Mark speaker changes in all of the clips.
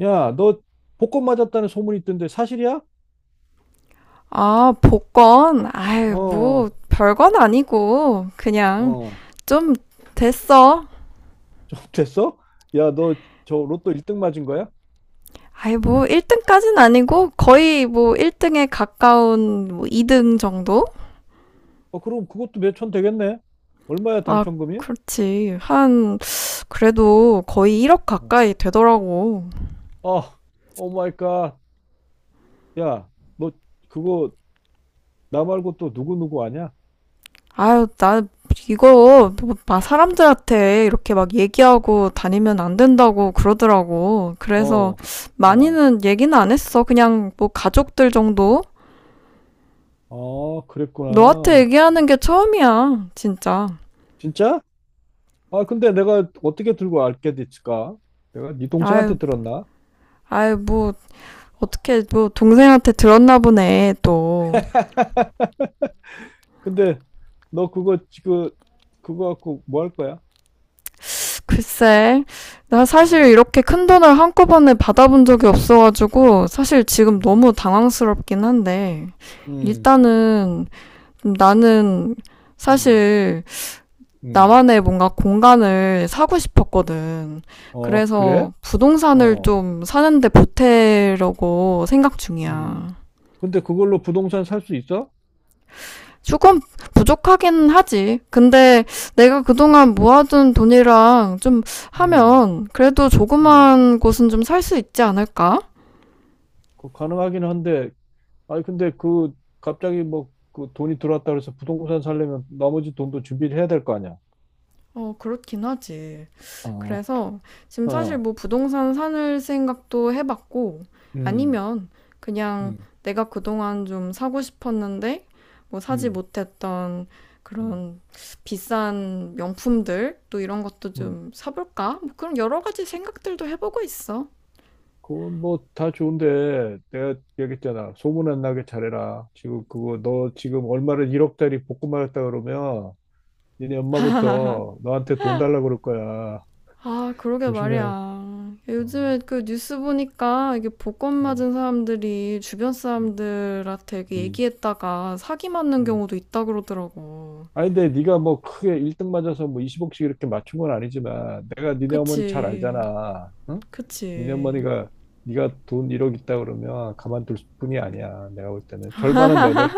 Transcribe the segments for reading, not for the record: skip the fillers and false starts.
Speaker 1: 야, 너 복권 맞았다는 소문이 있던데 사실이야?
Speaker 2: 아, 복권? 아유, 뭐,
Speaker 1: 어,
Speaker 2: 별건 아니고, 그냥,
Speaker 1: 어,
Speaker 2: 좀, 됐어.
Speaker 1: 좀 됐어? 야, 너 저 로또 1등 맞은 거야?
Speaker 2: 아유, 뭐, 1등까진 아니고, 거의 뭐, 1등에 가까운, 뭐, 2등 정도?
Speaker 1: 어, 그럼 그것도 몇 천 되겠네? 얼마야
Speaker 2: 아,
Speaker 1: 당첨금이?
Speaker 2: 그렇지. 한, 그래도 거의 1억
Speaker 1: 어,
Speaker 2: 가까이 되더라고.
Speaker 1: 아, 오 마이 갓. 야, 너 그거 나 말고 또 누구누구 아냐?
Speaker 2: 아유, 나, 이거, 뭐, 막 사람들한테 이렇게 막 얘기하고 다니면 안 된다고 그러더라고. 그래서,
Speaker 1: 어, 어,
Speaker 2: 많이는 얘기는 안 했어. 그냥, 뭐, 가족들 정도?
Speaker 1: 어,
Speaker 2: 너한테
Speaker 1: 그랬구나.
Speaker 2: 얘기하는 게 처음이야, 진짜.
Speaker 1: 진짜? 아, 근데 내가 어떻게 들고 알게 됐을까? 내가 네 동생한테
Speaker 2: 아유,
Speaker 1: 들었나?
Speaker 2: 아유, 뭐, 어떻게, 뭐, 동생한테 들었나 보네, 또.
Speaker 1: 근데 너 그거 지금 그거 갖고 뭐 할 거야?
Speaker 2: 글쎄, 나 사실
Speaker 1: 어.
Speaker 2: 이렇게 큰 돈을 한꺼번에 받아본 적이 없어가지고, 사실 지금
Speaker 1: 음,
Speaker 2: 너무 당황스럽긴 한데,
Speaker 1: 음,
Speaker 2: 일단은, 나는,
Speaker 1: 음,
Speaker 2: 사실,
Speaker 1: 음.
Speaker 2: 나만의 뭔가 공간을 사고 싶었거든.
Speaker 1: 어, 그래?
Speaker 2: 그래서 부동산을
Speaker 1: 어,
Speaker 2: 좀 사는데 보태려고 생각
Speaker 1: 음.
Speaker 2: 중이야.
Speaker 1: 근데 그걸로 부동산 살 수 있어?
Speaker 2: 조금 부족하긴 하지. 근데 내가 그동안 모아둔 돈이랑 좀
Speaker 1: 음,
Speaker 2: 하면 그래도
Speaker 1: 음.
Speaker 2: 조그만 곳은 좀 살 수 있지 않을까?
Speaker 1: 그 가능하긴 한데, 아니, 근데 그, 갑자기 뭐, 그 돈이 들어왔다 그래서 부동산 살려면 나머지 돈도 준비를 해야 될 거 아니야?
Speaker 2: 어, 그렇긴 하지.
Speaker 1: 어,
Speaker 2: 그래서 지금 사실
Speaker 1: 어,
Speaker 2: 뭐 부동산 사는 생각도 해봤고
Speaker 1: 음,
Speaker 2: 아니면 그냥
Speaker 1: 음,
Speaker 2: 내가 그동안 좀 사고 싶었는데 뭐 사지
Speaker 1: 음,
Speaker 2: 못했던
Speaker 1: 음,
Speaker 2: 그런 비싼 명품들 또 이런 것도
Speaker 1: 음.
Speaker 2: 좀 사볼까? 뭐 그런 여러 가지 생각들도 해보고 있어.
Speaker 1: 그건 뭐 다 좋은데, 내가 얘기했잖아. 소문 안 나게 잘해라. 지금 그거, 너 지금 얼마를 1억짜리 복구 말했다 그러면, 니네 엄마부터 너한테 돈 달라고 그럴 거야.
Speaker 2: 아, 그러게
Speaker 1: 조심해.
Speaker 2: 말이야.
Speaker 1: 어,
Speaker 2: 요즘에 그 뉴스 보니까 이게 복권
Speaker 1: 어,
Speaker 2: 맞은 사람들이 주변
Speaker 1: 음.
Speaker 2: 사람들한테 이렇게
Speaker 1: 음.
Speaker 2: 얘기했다가 사기 맞는
Speaker 1: 음.
Speaker 2: 경우도 있다 그러더라고.
Speaker 1: 아니, 근데 네가 뭐 크게 1등 맞아서 뭐 20억씩 이렇게 맞춘 건 아니지만 내가 니네 어머니 잘
Speaker 2: 그치,
Speaker 1: 알잖아. 응? 니네
Speaker 2: 그치.
Speaker 1: 어머니가 네가 돈 1억 있다 그러면 가만둘 뿐이 아니야. 내가 볼 때는 절반은 내놓으라.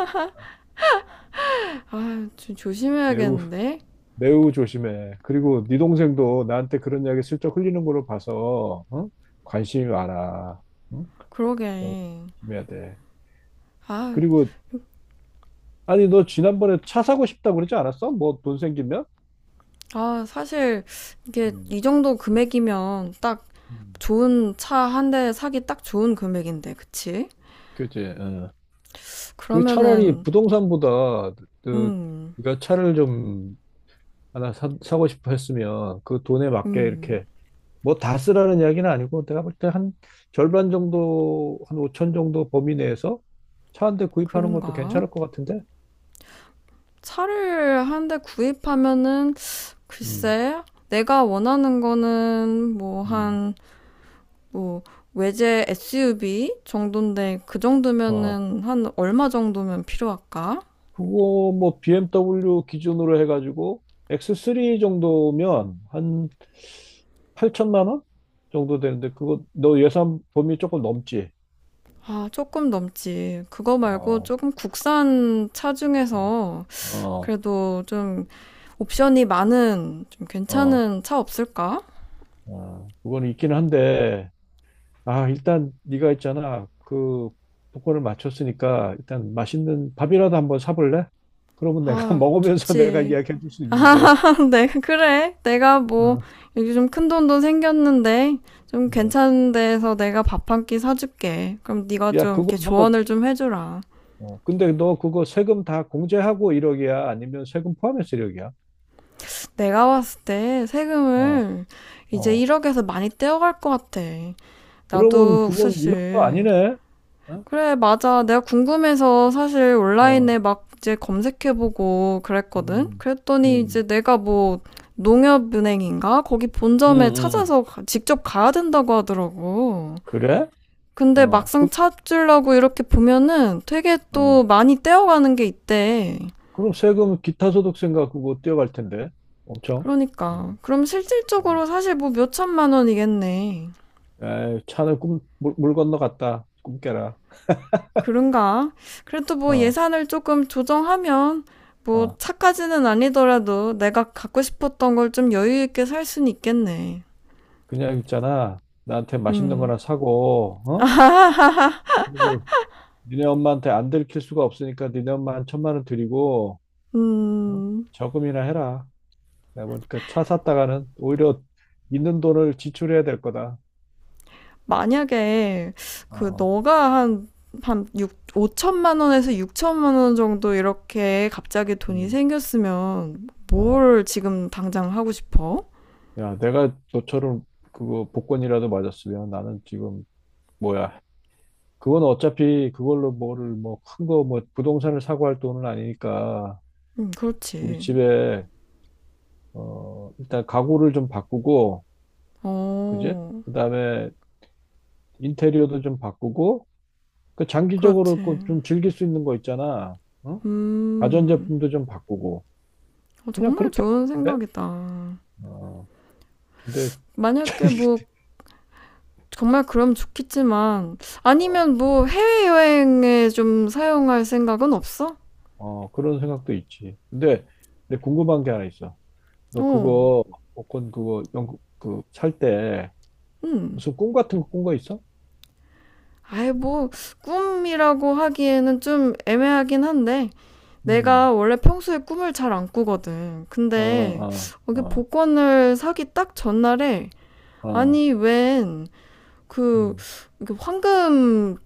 Speaker 2: 아, 좀
Speaker 1: 매우
Speaker 2: 조심해야겠는데?
Speaker 1: 매우 조심해. 그리고 네 동생도 나한테 그런 이야기 슬쩍 흘리는 걸로 봐서 어? 관심이 많아. 응? 또
Speaker 2: 그러게.
Speaker 1: 조심해야 돼.
Speaker 2: 아,
Speaker 1: 그리고 아니, 너 지난번에 차 사고 싶다고 그러지 않았어? 뭐 돈 생기면?
Speaker 2: 아, 사실 이게
Speaker 1: 음,
Speaker 2: 이 정도 금액이면 딱
Speaker 1: 음,
Speaker 2: 좋은 차 한 대 사기 딱 좋은 금액인데, 그치?
Speaker 1: 그지. 어. 그 차라리
Speaker 2: 그러면은,
Speaker 1: 부동산보다 그
Speaker 2: 음,
Speaker 1: 네가 차를 좀 하나 사고 싶어 했으면 그 돈에 맞게
Speaker 2: 음,
Speaker 1: 이렇게 뭐 다 쓰라는 이야기는 아니고 내가 볼 때 한 절반 정도 한 5천 정도 범위 내에서 차 한 대 구입하는 것도
Speaker 2: 그런가?
Speaker 1: 괜찮을 것 같은데.
Speaker 2: 차를 한 대 구입하면은
Speaker 1: 음,
Speaker 2: 글쎄 내가 원하는 거는 뭐
Speaker 1: 음.
Speaker 2: 한 뭐 외제 SUV 정도인데 그
Speaker 1: 어,
Speaker 2: 정도면은 한 얼마 정도면 필요할까?
Speaker 1: 그거 뭐 BMW 기준으로 해가지고 X3 정도면 한 8천만 원 정도 되는데 그거 너 예산 범위 조금 넘지?
Speaker 2: 아, 조금 넘지. 그거 말고
Speaker 1: 어,
Speaker 2: 조금 국산 차 중에서
Speaker 1: 어,
Speaker 2: 그래도 좀 옵션이 많은 좀
Speaker 1: 어,
Speaker 2: 괜찮은 차 없을까?
Speaker 1: 어. 그건 있긴 한데 아 일단 네가 있잖아 그 복권을 맞췄으니까 일단 맛있는 밥이라도 한번 사볼래? 그러면 내가
Speaker 2: 아,
Speaker 1: 먹으면서 내가
Speaker 2: 좋지.
Speaker 1: 이야기해 줄 수
Speaker 2: 아,
Speaker 1: 있는데.
Speaker 2: 네, 그래. 내가 뭐,
Speaker 1: 어,
Speaker 2: 여기 좀 큰 돈도 생겼는데, 좀
Speaker 1: 어.
Speaker 2: 괜찮은 데서 내가 밥 한 끼 사줄게. 그럼 네가
Speaker 1: 야,
Speaker 2: 좀
Speaker 1: 그거
Speaker 2: 이렇게
Speaker 1: 너
Speaker 2: 조언을 좀 해주라.
Speaker 1: 어, 근데 너 그거 세금 다 공제하고 1억이야? 아니면 세금 포함해서 1억이야?
Speaker 2: 내가 봤을 때
Speaker 1: 어,
Speaker 2: 세금을 이제
Speaker 1: 어.
Speaker 2: 1억에서 많이 떼어갈 것 같아.
Speaker 1: 그러면
Speaker 2: 나도
Speaker 1: 그건 1억도
Speaker 2: 사실.
Speaker 1: 아니네? 어?
Speaker 2: 그래, 맞아. 내가 궁금해서 사실
Speaker 1: 어.
Speaker 2: 온라인에 막 이제 검색해보고 그랬거든?
Speaker 1: 음,
Speaker 2: 그랬더니
Speaker 1: 음,
Speaker 2: 이제 내가 뭐, 농협은행인가? 거기
Speaker 1: 음,
Speaker 2: 본점에
Speaker 1: 음.
Speaker 2: 찾아서 직접 가야 된다고 하더라고.
Speaker 1: 그래?
Speaker 2: 근데
Speaker 1: 어,
Speaker 2: 막상
Speaker 1: 그,
Speaker 2: 찾으려고 이렇게 보면은 되게 또
Speaker 1: 어.
Speaker 2: 많이 떼어가는 게 있대.
Speaker 1: 그럼 세금 기타 소득 생각 그거 뛰어갈 텐데. 엄청.
Speaker 2: 그러니까.
Speaker 1: 음,
Speaker 2: 그럼
Speaker 1: 어.
Speaker 2: 실질적으로 사실 뭐 몇천만 원이겠네.
Speaker 1: 에이, 차는 꿈, 물 건너 갔다. 꿈 깨라.
Speaker 2: 그런가? 그래도 뭐
Speaker 1: 어,
Speaker 2: 예산을 조금 조정하면 뭐
Speaker 1: 어.
Speaker 2: 차까지는 아니더라도 내가 갖고 싶었던 걸 좀 여유 있게 살 수는 있겠네.
Speaker 1: 그냥 있잖아. 나한테 맛있는
Speaker 2: 음.
Speaker 1: 거나 사고, 어? 그리고 니네 엄마한테 안 들킬 수가 없으니까 니네 엄마 한 천만 원 드리고 어?
Speaker 2: 음.
Speaker 1: 저금이나 해라. 내가 보니까 차 샀다가는 오히려 있는 돈을 지출해야 될 거다.
Speaker 2: 만약에 그
Speaker 1: 어,
Speaker 2: 너가 한한 6, 5천만 원에서 6천만 원 정도 이렇게 갑자기 돈이
Speaker 1: 음,
Speaker 2: 생겼으면
Speaker 1: 어.
Speaker 2: 뭘 지금 당장 하고 싶어?
Speaker 1: 야, 내가 너처럼 그거 복권이라도 맞았으면 나는 지금 뭐야? 그건 어차피 그걸로 뭐를 뭐 큰 거 뭐 부동산을 사고 할 돈은 아니니까 우리
Speaker 2: 그렇지.
Speaker 1: 집에 어 일단 가구를 좀 바꾸고 그지?
Speaker 2: 어,
Speaker 1: 그다음에 인테리어도 좀 바꾸고 그 장기적으로 그
Speaker 2: 그렇지.
Speaker 1: 좀 즐길 수 있는 거 있잖아. 응?
Speaker 2: 음,
Speaker 1: 가전제품도 좀 바꾸고.
Speaker 2: 어,
Speaker 1: 그냥
Speaker 2: 정말
Speaker 1: 그렇게 하고
Speaker 2: 좋은
Speaker 1: 싶은데?
Speaker 2: 생각이다.
Speaker 1: 어, 근데,
Speaker 2: 만약에 뭐 정말 그럼 좋겠지만
Speaker 1: 어,
Speaker 2: 아니면 뭐 해외여행에 좀 사용할 생각은 없어?
Speaker 1: 어, 그런 생각도 있지. 근데 궁금한 게 하나 있어. 너
Speaker 2: 어,
Speaker 1: 그거, 복권 그거, 영, 그, 살 때,
Speaker 2: 음.
Speaker 1: 무슨 꿈 같은 거 꾼 거 있어?
Speaker 2: 아이, 뭐, 꿈이라고 하기에는 좀 애매하긴 한데, 내가
Speaker 1: 음,
Speaker 2: 원래 평소에 꿈을 잘 안 꾸거든.
Speaker 1: 어,
Speaker 2: 근데,
Speaker 1: 어,
Speaker 2: 여기
Speaker 1: 어,
Speaker 2: 복권을 사기 딱 전날에,
Speaker 1: 어,
Speaker 2: 아니, 웬, 그,
Speaker 1: 음,
Speaker 2: 황금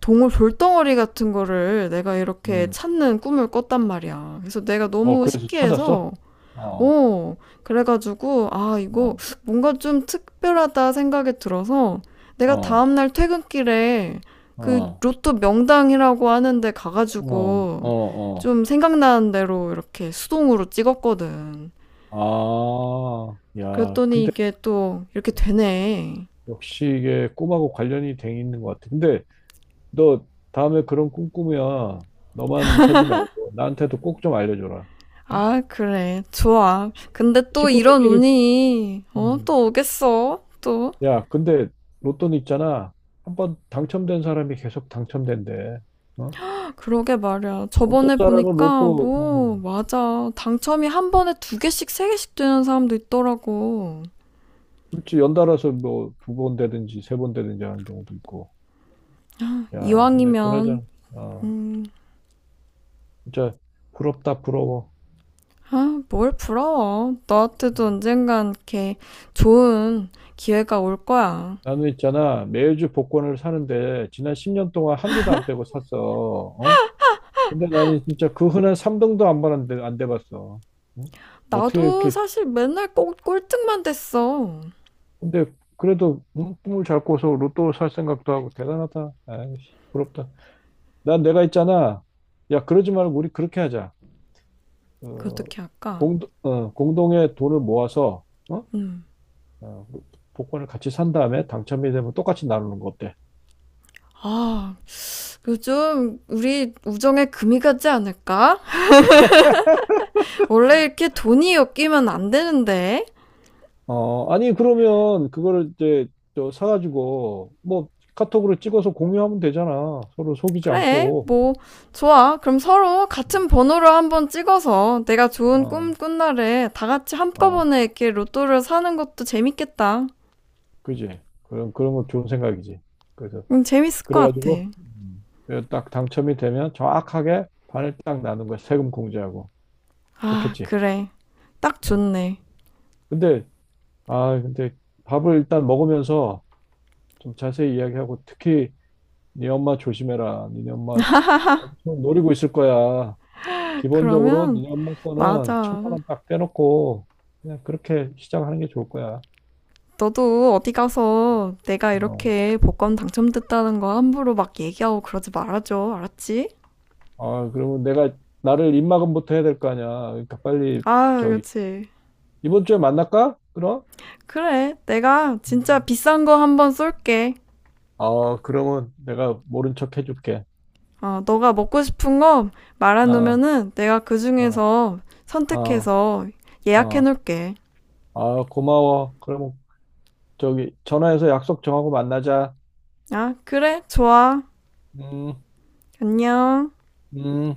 Speaker 2: 동물 돌덩어리 같은 거를 내가 이렇게
Speaker 1: 음.
Speaker 2: 찾는 꿈을 꿨단 말이야. 그래서 내가
Speaker 1: 어,
Speaker 2: 너무
Speaker 1: 그래서 찾았어?
Speaker 2: 신기해서,
Speaker 1: 어,
Speaker 2: 어. 그래가지고 아 이거
Speaker 1: 어,
Speaker 2: 뭔가 좀 특별하다 생각이 들어서 내가
Speaker 1: 어,
Speaker 2: 다음날 퇴근길에 그
Speaker 1: 어,
Speaker 2: 로또 명당이라고 하는데
Speaker 1: 어,
Speaker 2: 가가지고
Speaker 1: 어, 어.
Speaker 2: 좀 생각나는 대로 이렇게 수동으로 찍었거든.
Speaker 1: 아, 야,
Speaker 2: 그랬더니
Speaker 1: 근데
Speaker 2: 이게 또 이렇게 되네.
Speaker 1: 역시 이게 꿈하고 관련이 돼 있는 것 같아. 근데 너 다음에 그런 꿈 꾸면 너만 사지 말고 나한테도 꼭 좀 알려줘라. 응?
Speaker 2: 아, 그래. 좋아.
Speaker 1: 식-
Speaker 2: 근데 또 이런
Speaker 1: 식구들끼리
Speaker 2: 운이, 어,
Speaker 1: 음.
Speaker 2: 또 오겠어. 또.
Speaker 1: 야, 근데 로또는 있잖아. 한번 당첨된 사람이 계속 당첨된대. 어?
Speaker 2: 그러게 말이야.
Speaker 1: 어떤
Speaker 2: 저번에
Speaker 1: 사람은
Speaker 2: 보니까
Speaker 1: 로또 어,
Speaker 2: 뭐 맞아. 당첨이 한 번에 두 개씩 세 개씩 되는 사람도 있더라고.
Speaker 1: 그렇지 연달아서 뭐 두 번 되든지 세 번 되든지 하는 경우도 있고. 야, 근데
Speaker 2: 이왕이면
Speaker 1: 그나저나 아,
Speaker 2: 음,
Speaker 1: 진짜 부럽다 부러워.
Speaker 2: 아, 뭘 부러워. 너한테도 언젠간 이렇게 좋은 기회가 올 거야.
Speaker 1: 나는 있잖아, 매주 복권을 사는데, 지난 10년 동안 한 주도 안 빼고 샀어. 어? 근데 나는 진짜 그 흔한 3등도 안 받았는데, 안 돼봤어. 응? 어떻게
Speaker 2: 나도
Speaker 1: 이렇게,
Speaker 2: 사실 맨날 꼭 꼴등만 됐어.
Speaker 1: 근데 그래도 응? 꿈을 잘 꿔서 로또 살 생각도 하고, 대단하다. 아이씨, 부럽다. 난 내가 있잖아. 야, 그러지 말고 우리 그렇게 하자.
Speaker 2: 그
Speaker 1: 어,
Speaker 2: 어떻게 할까?
Speaker 1: 공, 공동의 돈을 모아서, 어?
Speaker 2: 음.
Speaker 1: 어, 복권을 같이 산 다음에 당첨이 되면 똑같이 나누는 거 어때?
Speaker 2: 아, 요즘 우리 우정에 금이 가지 않을까? 원래 이렇게 돈이 엮이면 안 되는데.
Speaker 1: 어, 아니, 그러면 그거를 이제 저 사가지고 뭐 카톡으로 찍어서 공유하면 되잖아. 서로 속이지
Speaker 2: 그래,
Speaker 1: 않고.
Speaker 2: 뭐, 좋아. 그럼 서로 같은
Speaker 1: 음,
Speaker 2: 번호로 한번 찍어서 내가 좋은 꿈
Speaker 1: 어,
Speaker 2: 꾼 날에 다 같이
Speaker 1: 어,
Speaker 2: 한꺼번에 이렇게 로또를 사는 것도 재밌겠다.
Speaker 1: 그지. 그런 거 좋은 생각이지. 그래서,
Speaker 2: 응, 재밌을 것 같아.
Speaker 1: 그래가지고, 그래서 딱 당첨이 되면 정확하게 반을 딱 나눈 거야. 세금 공제하고.
Speaker 2: 아,
Speaker 1: 좋겠지.
Speaker 2: 그래. 딱
Speaker 1: 어.
Speaker 2: 좋네.
Speaker 1: 근데, 근데 밥을 일단 먹으면서 좀 자세히 이야기하고 특히 네 엄마 조심해라. 니네 엄마 엄청 노리고 있을 거야. 기본적으로
Speaker 2: 그러면,
Speaker 1: 니네 엄마 거는
Speaker 2: 맞아.
Speaker 1: 천만 원 딱 떼놓고 그냥 그렇게 시작하는 게 좋을 거야.
Speaker 2: 너도 어디 가서 내가
Speaker 1: 어.
Speaker 2: 이렇게 복권 당첨됐다는 거 함부로 막 얘기하고 그러지 말아줘. 알았지?
Speaker 1: 아, 그러면 내가 나를 입막부터 해야 될 거 아니야. 그러니까 빨리
Speaker 2: 아,
Speaker 1: 저기
Speaker 2: 그렇지.
Speaker 1: 이번 주에 만날까? 그럼?
Speaker 2: 그래. 내가 진짜
Speaker 1: 음.
Speaker 2: 비싼 거 한번 쏠게.
Speaker 1: 어, 그러면 내가 모른 척 해줄게.
Speaker 2: 어, 너가 먹고 싶은 거
Speaker 1: 아,
Speaker 2: 말해놓으면은 내가 그
Speaker 1: 아,
Speaker 2: 중에서
Speaker 1: 아,
Speaker 2: 선택해서
Speaker 1: 아,
Speaker 2: 예약해놓을게.
Speaker 1: 아, 고마워. 그러면 저기 전화해서 약속 정하고 만나자.
Speaker 2: 아, 그래? 좋아.
Speaker 1: 음,
Speaker 2: 안녕.
Speaker 1: 음.